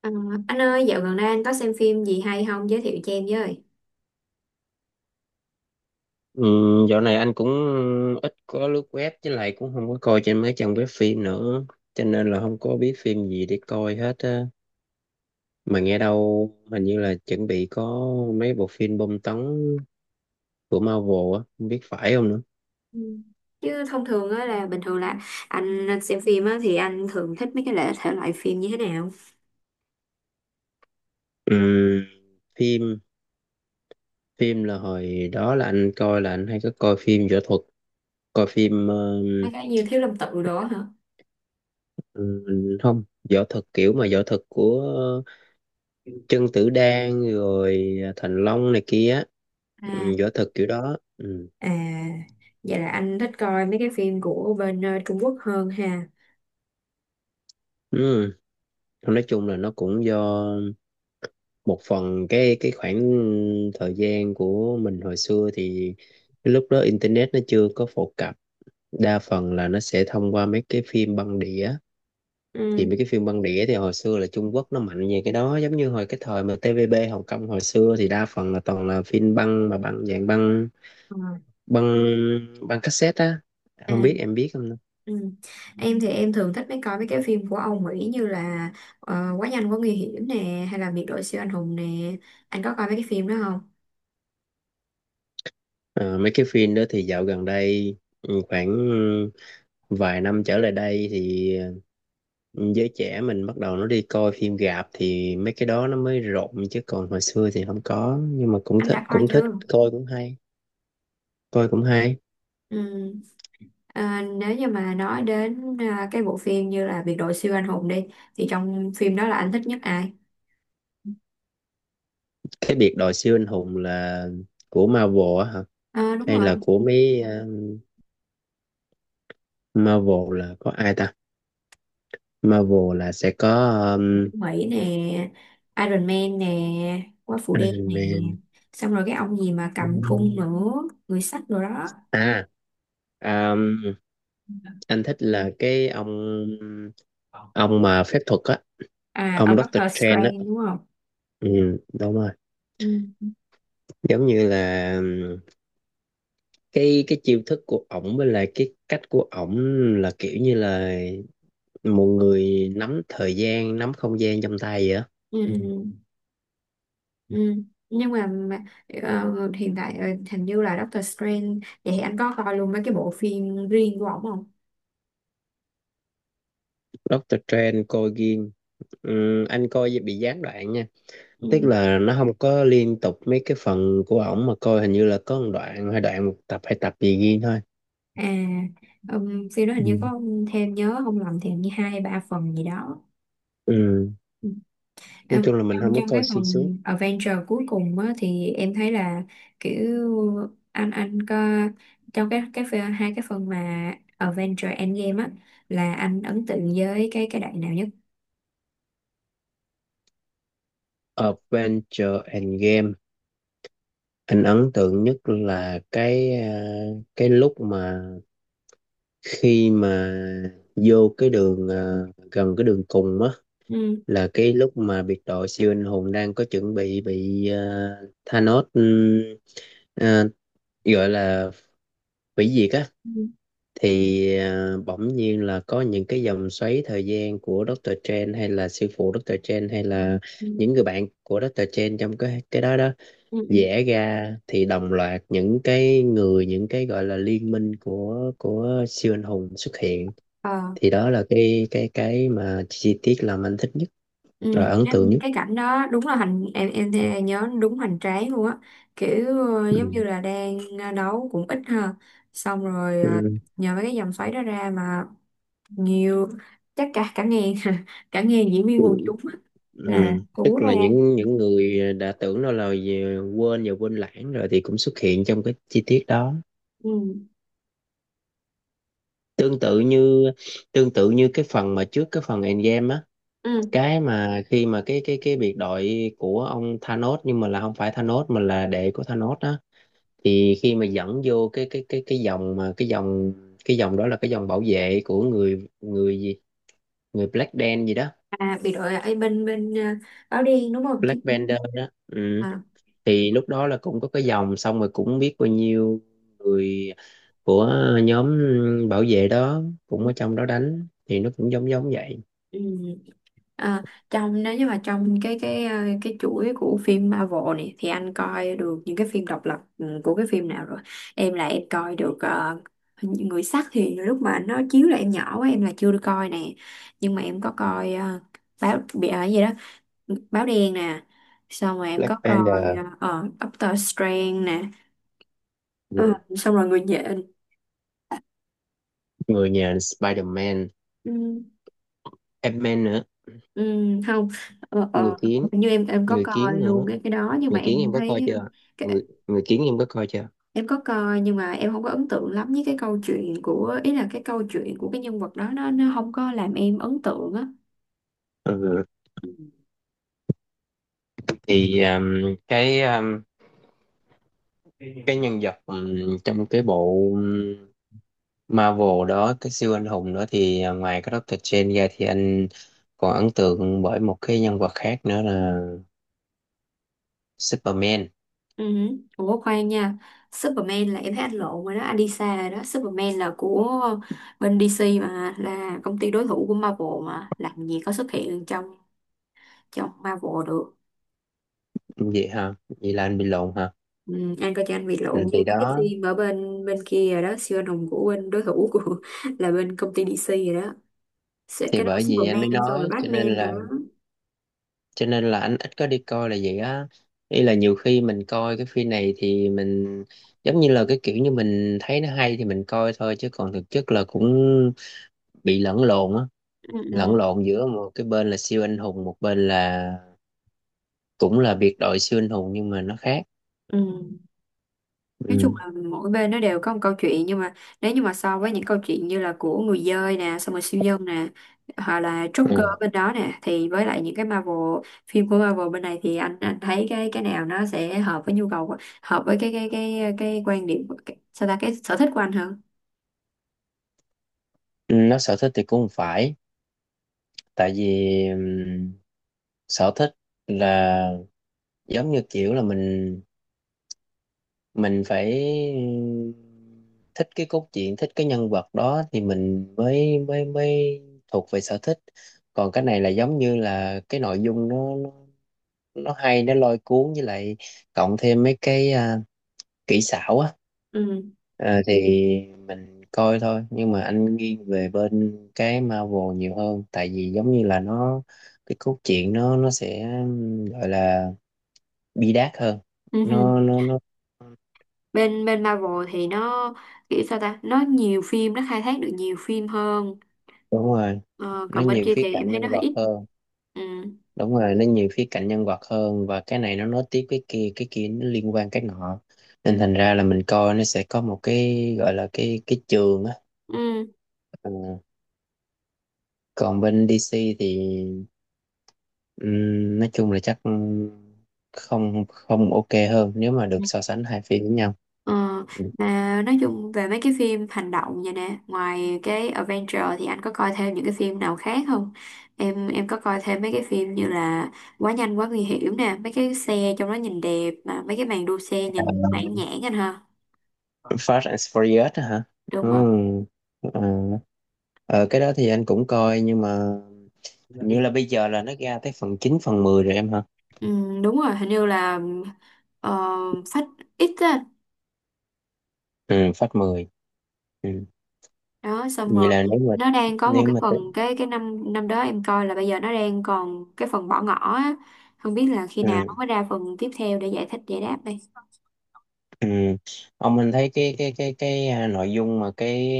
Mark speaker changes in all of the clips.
Speaker 1: Ờ, anh ơi, dạo gần đây anh có xem phim gì hay không, giới thiệu cho em với.
Speaker 2: Ừ, dạo này anh cũng ít có lướt web, với lại cũng không có coi trên mấy trang web phim nữa cho nên là không có biết phim gì để coi hết á. Mà nghe đâu hình như là chuẩn bị có mấy bộ phim bom tấn của Marvel á, không biết phải không nữa.
Speaker 1: Ừ. Chứ thông thường á, là bình thường là anh xem phim á thì anh thường thích mấy cái thể loại phim như thế nào?
Speaker 2: Ừ, phim phim là hồi đó là anh coi, là anh hay có coi phim võ thuật, coi phim
Speaker 1: Mấy cái như Thiếu Lâm Tự đó hả?
Speaker 2: ừ, không, võ thuật kiểu mà võ thuật của Trần Tử Đan rồi, à, Thành Long này kia. Ừ,
Speaker 1: À,
Speaker 2: võ thuật kiểu đó, ừ.
Speaker 1: à, vậy là anh thích coi mấy cái phim của bên Trung Quốc hơn ha.
Speaker 2: Ừ. Thôi nói chung là nó cũng do một phần cái khoảng thời gian của mình hồi xưa. Thì cái lúc đó internet nó chưa có phổ cập, đa phần là nó sẽ thông qua mấy cái phim băng đĩa. Thì
Speaker 1: Ừ.
Speaker 2: mấy cái phim băng đĩa thì hồi xưa là Trung Quốc nó mạnh về cái đó, giống như hồi cái thời mà TVB Hồng Kông hồi xưa thì đa phần là toàn là phim băng, mà băng dạng băng
Speaker 1: ờ,
Speaker 2: băng băng cassette á, không
Speaker 1: À,
Speaker 2: biết em biết không ta?
Speaker 1: ừ. Em thì em thường thích coi mấy cái phim của Âu Mỹ như là Quá nhanh quá nguy hiểm nè, hay là Biệt đội siêu anh hùng nè. Anh có coi mấy cái phim đó không?
Speaker 2: Ờ, mấy cái phim đó thì dạo gần đây, ừ, khoảng vài năm trở lại đây thì ừ, giới trẻ mình bắt đầu nó đi coi phim rạp thì mấy cái đó nó mới rộn, chứ còn hồi xưa thì không có, nhưng mà
Speaker 1: Anh đã coi
Speaker 2: cũng
Speaker 1: chưa?
Speaker 2: thích coi, cũng hay coi cũng hay.
Speaker 1: Ừ. À, nếu như mà nói đến cái bộ phim như là Biệt đội siêu anh hùng đi, thì trong phim đó là anh thích nhất ai?
Speaker 2: Cái biệt đội siêu anh hùng là của Marvel á hả?
Speaker 1: À, đúng
Speaker 2: Hay
Speaker 1: rồi,
Speaker 2: là của mấy, Marvel là có ai ta? Marvel là sẽ có, um,
Speaker 1: Mỹ nè, Iron Man nè, Quả Phụ Đen
Speaker 2: Iron
Speaker 1: nè,
Speaker 2: Man.
Speaker 1: xong rồi cái ông gì mà cầm cung nữa, người sắt rồi đó.
Speaker 2: À, um, anh thích là cái ông mà phép thuật á.
Speaker 1: À,
Speaker 2: Ông
Speaker 1: ông
Speaker 2: Doctor
Speaker 1: Doctor
Speaker 2: Strange
Speaker 1: Strange
Speaker 2: á,
Speaker 1: đúng không?
Speaker 2: ừ, đúng rồi.
Speaker 1: Ừ.
Speaker 2: Giống như là cái chiêu thức của ổng với lại cái cách của ổng là kiểu như là một người nắm thời gian, nắm không gian trong tay vậy á.
Speaker 1: Ừ. Ừ. Ừ. ừ. Nhưng mà, hiện tại hình như là Doctor Strange, vậy thì anh có coi luôn mấy cái bộ phim riêng của ổng không?
Speaker 2: Doctor Strange coi ghiêng. Anh coi vậy bị gián đoạn nha, tức là nó không có liên tục mấy cái phần của ổng. Mà coi hình như là có một đoạn hay đoạn, một tập hay tập gì ghiêng thôi.
Speaker 1: à, phim đó hình như
Speaker 2: Ừ.
Speaker 1: có thêm, nhớ không lầm thì hình như hai hay ba phần gì đó.
Speaker 2: Ừ.
Speaker 1: Ừ.
Speaker 2: Nói chung là mình
Speaker 1: Trong
Speaker 2: không có
Speaker 1: trong
Speaker 2: coi
Speaker 1: cái
Speaker 2: xuyên suốt.
Speaker 1: phần Avenger cuối cùng á, thì em thấy là kiểu anh có, trong cái hai cái phần mà Avenger Endgame á, là anh ấn tượng với cái đoạn nào nhất.
Speaker 2: Adventure Endgame, anh ấn tượng nhất là cái lúc mà, khi mà vô cái đường, à, gần cái đường cùng á,
Speaker 1: Ừ.
Speaker 2: là cái lúc mà biệt đội siêu anh hùng đang có chuẩn bị Thanos, à, gọi là hủy diệt á.
Speaker 1: Ừ.
Speaker 2: Thì à, bỗng nhiên là có những cái dòng xoáy thời gian của Doctor Strange, hay là sư phụ Doctor Strange, hay là
Speaker 1: Ừ.
Speaker 2: những người bạn của Doctor Strange trong cái đó đó
Speaker 1: Ừ. Ừ.
Speaker 2: vẽ ra, thì đồng loạt những cái người, những cái gọi là liên minh của siêu anh hùng xuất hiện.
Speaker 1: Ờ.
Speaker 2: Thì đó là cái mà chi tiết làm anh thích nhất rồi,
Speaker 1: Ừ,
Speaker 2: ấn tượng nhất.
Speaker 1: cái cảnh đó đúng là hành em thì nhớ đúng hoành tráng luôn á, kiểu ờ,
Speaker 2: Ừ.
Speaker 1: giống như là đang đấu cũng ít ha, xong rồi ờ,
Speaker 2: Ừ.
Speaker 1: nhờ mấy cái dòng xoáy đó ra mà nhiều, chắc cả cả ngàn cả ngàn diễn viên quần chúng á, là
Speaker 2: Ừ.
Speaker 1: cú
Speaker 2: Tức
Speaker 1: ra.
Speaker 2: là những người đã tưởng đâu là quên và quên lãng rồi thì cũng xuất hiện trong cái chi tiết đó.
Speaker 1: Ừ.
Speaker 2: Tương tự như tương tự như cái phần mà trước cái phần Endgame á.
Speaker 1: Ừ.
Speaker 2: Cái mà khi mà cái biệt đội của ông Thanos, nhưng mà là không phải Thanos, mà là đệ của Thanos á. Thì khi mà dẫn vô cái dòng, mà cái dòng đó là cái dòng bảo vệ của người người gì người Black Dan gì đó.
Speaker 1: à, bị đội ở bên bên ờ, áo đen đúng không? Chứ-
Speaker 2: Black Panther đó, ừ.
Speaker 1: à.
Speaker 2: Thì lúc đó là cũng có cái dòng, xong rồi cũng biết bao nhiêu người của nhóm bảo vệ đó cũng ở trong đó đánh, thì nó cũng giống giống vậy.
Speaker 1: Ừ. À, trong, nếu như mà trong cái ờ, cái chuỗi của phim Marvel này thì anh coi được những cái phim độc lập ừ, của cái phim nào rồi. Em là em coi được ờ, Người sắt thì lúc mà nó chiếu là em nhỏ quá, em là chưa được coi nè, nhưng mà em có coi ờ, báo bị ở gì đó, báo đen nè, xong rồi em có
Speaker 2: Black
Speaker 1: coi
Speaker 2: Panther,
Speaker 1: Doctor Strange nè. Ờ,
Speaker 2: ừ.
Speaker 1: xong rồi người nhện.
Speaker 2: Người nhà Spider-Man,
Speaker 1: Ừ,
Speaker 2: Ant-Man nữa.
Speaker 1: ừ, không, ờ,
Speaker 2: Người
Speaker 1: ờ,
Speaker 2: kiến,
Speaker 1: hình như em có
Speaker 2: người
Speaker 1: coi
Speaker 2: kiến
Speaker 1: luôn
Speaker 2: nữa.
Speaker 1: cái đó nhưng
Speaker 2: Người
Speaker 1: mà
Speaker 2: kiến em
Speaker 1: em
Speaker 2: có coi
Speaker 1: thấy.
Speaker 2: chưa? Người kiến em có coi chưa?
Speaker 1: Em có coi nhưng mà em không có ấn tượng lắm với cái câu chuyện của, ý là cái câu chuyện của cái nhân vật đó nó không có làm em ấn tượng á.
Speaker 2: Ừ.
Speaker 1: Ừ.
Speaker 2: Thì cái, cái nhân vật trong cái bộ Marvel đó, cái siêu anh hùng đó thì à, ngoài cái Doctor Strange ra, thì anh còn ấn tượng bởi một cái nhân vật khác nữa là Superman.
Speaker 1: Ừ. Ủa khoan nha, Superman là em thấy anh lộn rồi đó, anh đi xa rồi đó, Superman là của bên DC mà, là công ty đối thủ của Marvel mà, làm gì có xuất hiện trong trong Marvel được.
Speaker 2: Vậy ha, vậy là anh bị lộn hả?
Speaker 1: Ừ, anh coi cho anh bị lộn
Speaker 2: Ừ,
Speaker 1: với
Speaker 2: thì
Speaker 1: cái
Speaker 2: đó.
Speaker 1: phim ở bên bên kia rồi đó, siêu anh hùng của bên đối thủ của là bên công ty DC rồi đó. Sẽ-
Speaker 2: Thì
Speaker 1: cái đó là
Speaker 2: bởi vì anh mới
Speaker 1: Superman xong rồi
Speaker 2: nói cho nên
Speaker 1: Batman rồi
Speaker 2: là,
Speaker 1: đó.
Speaker 2: anh ít có đi coi là vậy á. Ý là nhiều khi mình coi cái phim này thì mình giống như là cái kiểu như mình thấy nó hay thì mình coi thôi, chứ còn thực chất là cũng bị lẫn lộn á.
Speaker 1: Ừ.
Speaker 2: Lẫn
Speaker 1: ừ.
Speaker 2: lộn giữa một cái bên là siêu anh hùng, một bên là cũng là biệt đội siêu anh hùng nhưng mà nó khác,
Speaker 1: Ừ. Nói
Speaker 2: ừ.
Speaker 1: chung là mỗi bên nó đều có một câu chuyện, nhưng mà nếu như mà so với những câu chuyện như là của người dơi nè, xong rồi siêu nhân nè, hoặc là Joker
Speaker 2: Ừ.
Speaker 1: bên đó nè, thì với lại những cái Marvel, phim của Marvel bên này, thì anh thấy cái nào nó sẽ hợp với nhu cầu của- hợp với cái quan điểm của- cái, sao ta, cái sở thích của anh hơn.
Speaker 2: Nó sở thích thì cũng không phải, tại vì sở thích là giống như kiểu là mình phải thích cái cốt truyện, thích cái nhân vật đó thì mình mới mới mới thuộc về sở thích. Còn cái này là giống như là cái nội dung nó hay, nó lôi cuốn, với lại cộng thêm mấy cái, à, kỹ xảo á.
Speaker 1: Ừ.
Speaker 2: Ờ, thì mình coi thôi, nhưng mà anh nghiêng về bên cái Marvel nhiều hơn, tại vì giống như là nó, cái cốt truyện nó sẽ gọi là bi đát hơn,
Speaker 1: Ừ. hừ.
Speaker 2: nó.
Speaker 1: Bên bên Marvel thì nó kiểu sao ta, nó nhiều phim, nó khai thác được nhiều phim hơn,
Speaker 2: Đúng rồi,
Speaker 1: ờ,
Speaker 2: nó
Speaker 1: còn bên
Speaker 2: nhiều
Speaker 1: kia
Speaker 2: khía
Speaker 1: thì em
Speaker 2: cạnh
Speaker 1: thấy nó
Speaker 2: nhân
Speaker 1: hơi
Speaker 2: vật
Speaker 1: ít.
Speaker 2: hơn.
Speaker 1: Ừ.
Speaker 2: Đúng rồi, nó nhiều khía cạnh nhân vật hơn, và cái này nó nối tiếp cái kia, cái kia nó liên quan cái nọ. Nên thành ra là mình coi nó sẽ có một cái gọi là cái trường á.
Speaker 1: Ừ.
Speaker 2: Ừ. Còn bên DC thì ừm, nói chung là chắc không không ok hơn nếu mà được so sánh hai phim với nhau.
Speaker 1: Ờ,
Speaker 2: Ừm.
Speaker 1: mà nói chung về mấy cái phim hành động vậy nè, ngoài cái Avenger thì anh có coi thêm những cái phim nào khác không? Em có coi thêm mấy cái phim như là Quá nhanh quá nguy hiểm nè, mấy cái xe trong đó nhìn đẹp, mà mấy cái màn đua xe
Speaker 2: À,
Speaker 1: nhìn mãn nhãn anh ha.
Speaker 2: Fast and Furious á hả?
Speaker 1: Đúng
Speaker 2: Ừ.
Speaker 1: rồi.
Speaker 2: ờ, ờ, cái đó thì anh cũng coi, nhưng mà hình như là bây giờ là nó ra tới phần 9 phần 10 rồi em hả?
Speaker 1: Ừ, đúng rồi, hình như là ờ, Phách X á.
Speaker 2: Ừ, Fast 10. Ừ.
Speaker 1: Đó xong
Speaker 2: Vậy
Speaker 1: rồi
Speaker 2: là nếu mà,
Speaker 1: nó đang có một
Speaker 2: nếu
Speaker 1: cái
Speaker 2: mà tự-
Speaker 1: phần, cái năm năm đó em coi là bây giờ nó đang còn cái phần bỏ ngỏ á. Không biết là khi nào nó
Speaker 2: ừ,
Speaker 1: mới ra phần tiếp theo để giải thích giải đáp đây.
Speaker 2: ừ. Ông anh thấy cái à, nội dung mà cái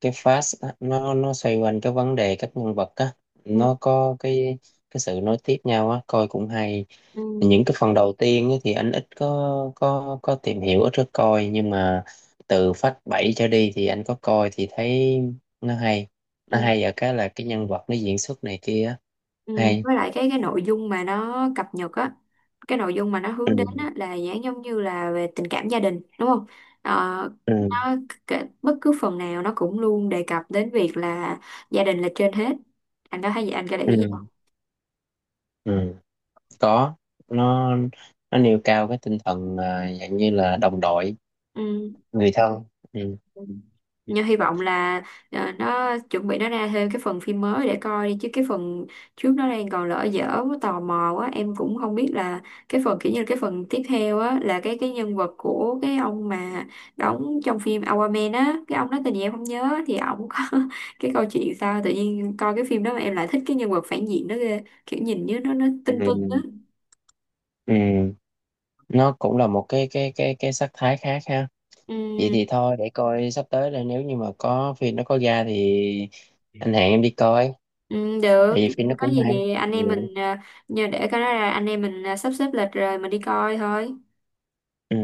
Speaker 2: cái fast á, nó xoay quanh cái vấn đề các nhân vật á,
Speaker 1: Ừ,
Speaker 2: nó có cái sự nối tiếp nhau á, coi cũng hay.
Speaker 1: ừ,
Speaker 2: Những cái phần đầu tiên á thì anh ít có tìm hiểu, ít có coi, nhưng mà từ phát 7 trở đi thì anh có coi thì thấy nó hay.
Speaker 1: ừ,
Speaker 2: Nó hay ở cái là cái nhân vật nó diễn xuất này kia á.
Speaker 1: ừ.
Speaker 2: Hay.
Speaker 1: Với lại cái nội dung mà nó cập nhật á, cái nội dung mà nó hướng đến á
Speaker 2: Ừ,
Speaker 1: là dạng giống như là về tình cảm gia đình đúng không? Ờ,
Speaker 2: ừ,
Speaker 1: nó cái- bất cứ phần nào nó cũng luôn đề cập đến việc là gia đình là trên hết, anh có thấy vậy, anh có để
Speaker 2: ừ,
Speaker 1: ý gì không?
Speaker 2: ừ. Có, nó nó nêu cao cái tinh thần, à, dạng như là đồng đội,
Speaker 1: ừ.
Speaker 2: người thân, ừ,
Speaker 1: Nhưng hy vọng là ờ, nó chuẩn bị nó ra thêm cái phần phim mới để coi đi, chứ cái phần trước nó đang còn lỡ dở quá, tò mò quá, em cũng không biết là cái phần kiểu như là cái phần tiếp theo á, là cái nhân vật của cái ông mà đóng trong phim Aquaman á, cái ông đó tên gì em không nhớ, thì ổng có cái câu chuyện sao tự nhiên coi cái phim đó mà em lại thích cái nhân vật phản diện đó ghê, kiểu nhìn như nó tưng tưng á.
Speaker 2: ừ, ừ. Nó cũng là một cái sắc thái khác ha. Vậy
Speaker 1: Ừ,
Speaker 2: thì thôi, để coi sắp tới là nếu như mà có phim nó có ra thì anh hẹn em đi coi,
Speaker 1: ừ,
Speaker 2: tại
Speaker 1: được,
Speaker 2: vì phim nó
Speaker 1: có
Speaker 2: cũng
Speaker 1: gì
Speaker 2: hay,
Speaker 1: thì anh
Speaker 2: ừ.
Speaker 1: em mình ờ, nhờ để cái đó là anh em mình ờ, sắp xếp lịch rồi mình đi coi thôi.
Speaker 2: Ừ.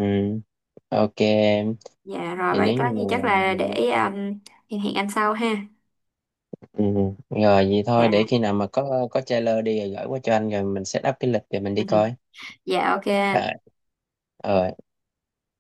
Speaker 2: Ok em.
Speaker 1: Dạ rồi
Speaker 2: Thì
Speaker 1: vậy
Speaker 2: nếu như
Speaker 1: có
Speaker 2: mà,
Speaker 1: gì chắc là để hẹn hẹn anh sau ha.
Speaker 2: ừ. Rồi vậy
Speaker 1: Dạ.
Speaker 2: thôi, để khi nào mà có trailer đi rồi gửi qua cho anh, rồi mình set up cái lịch rồi mình đi coi.
Speaker 1: Dạ ok anh.
Speaker 2: Rồi. Ờ.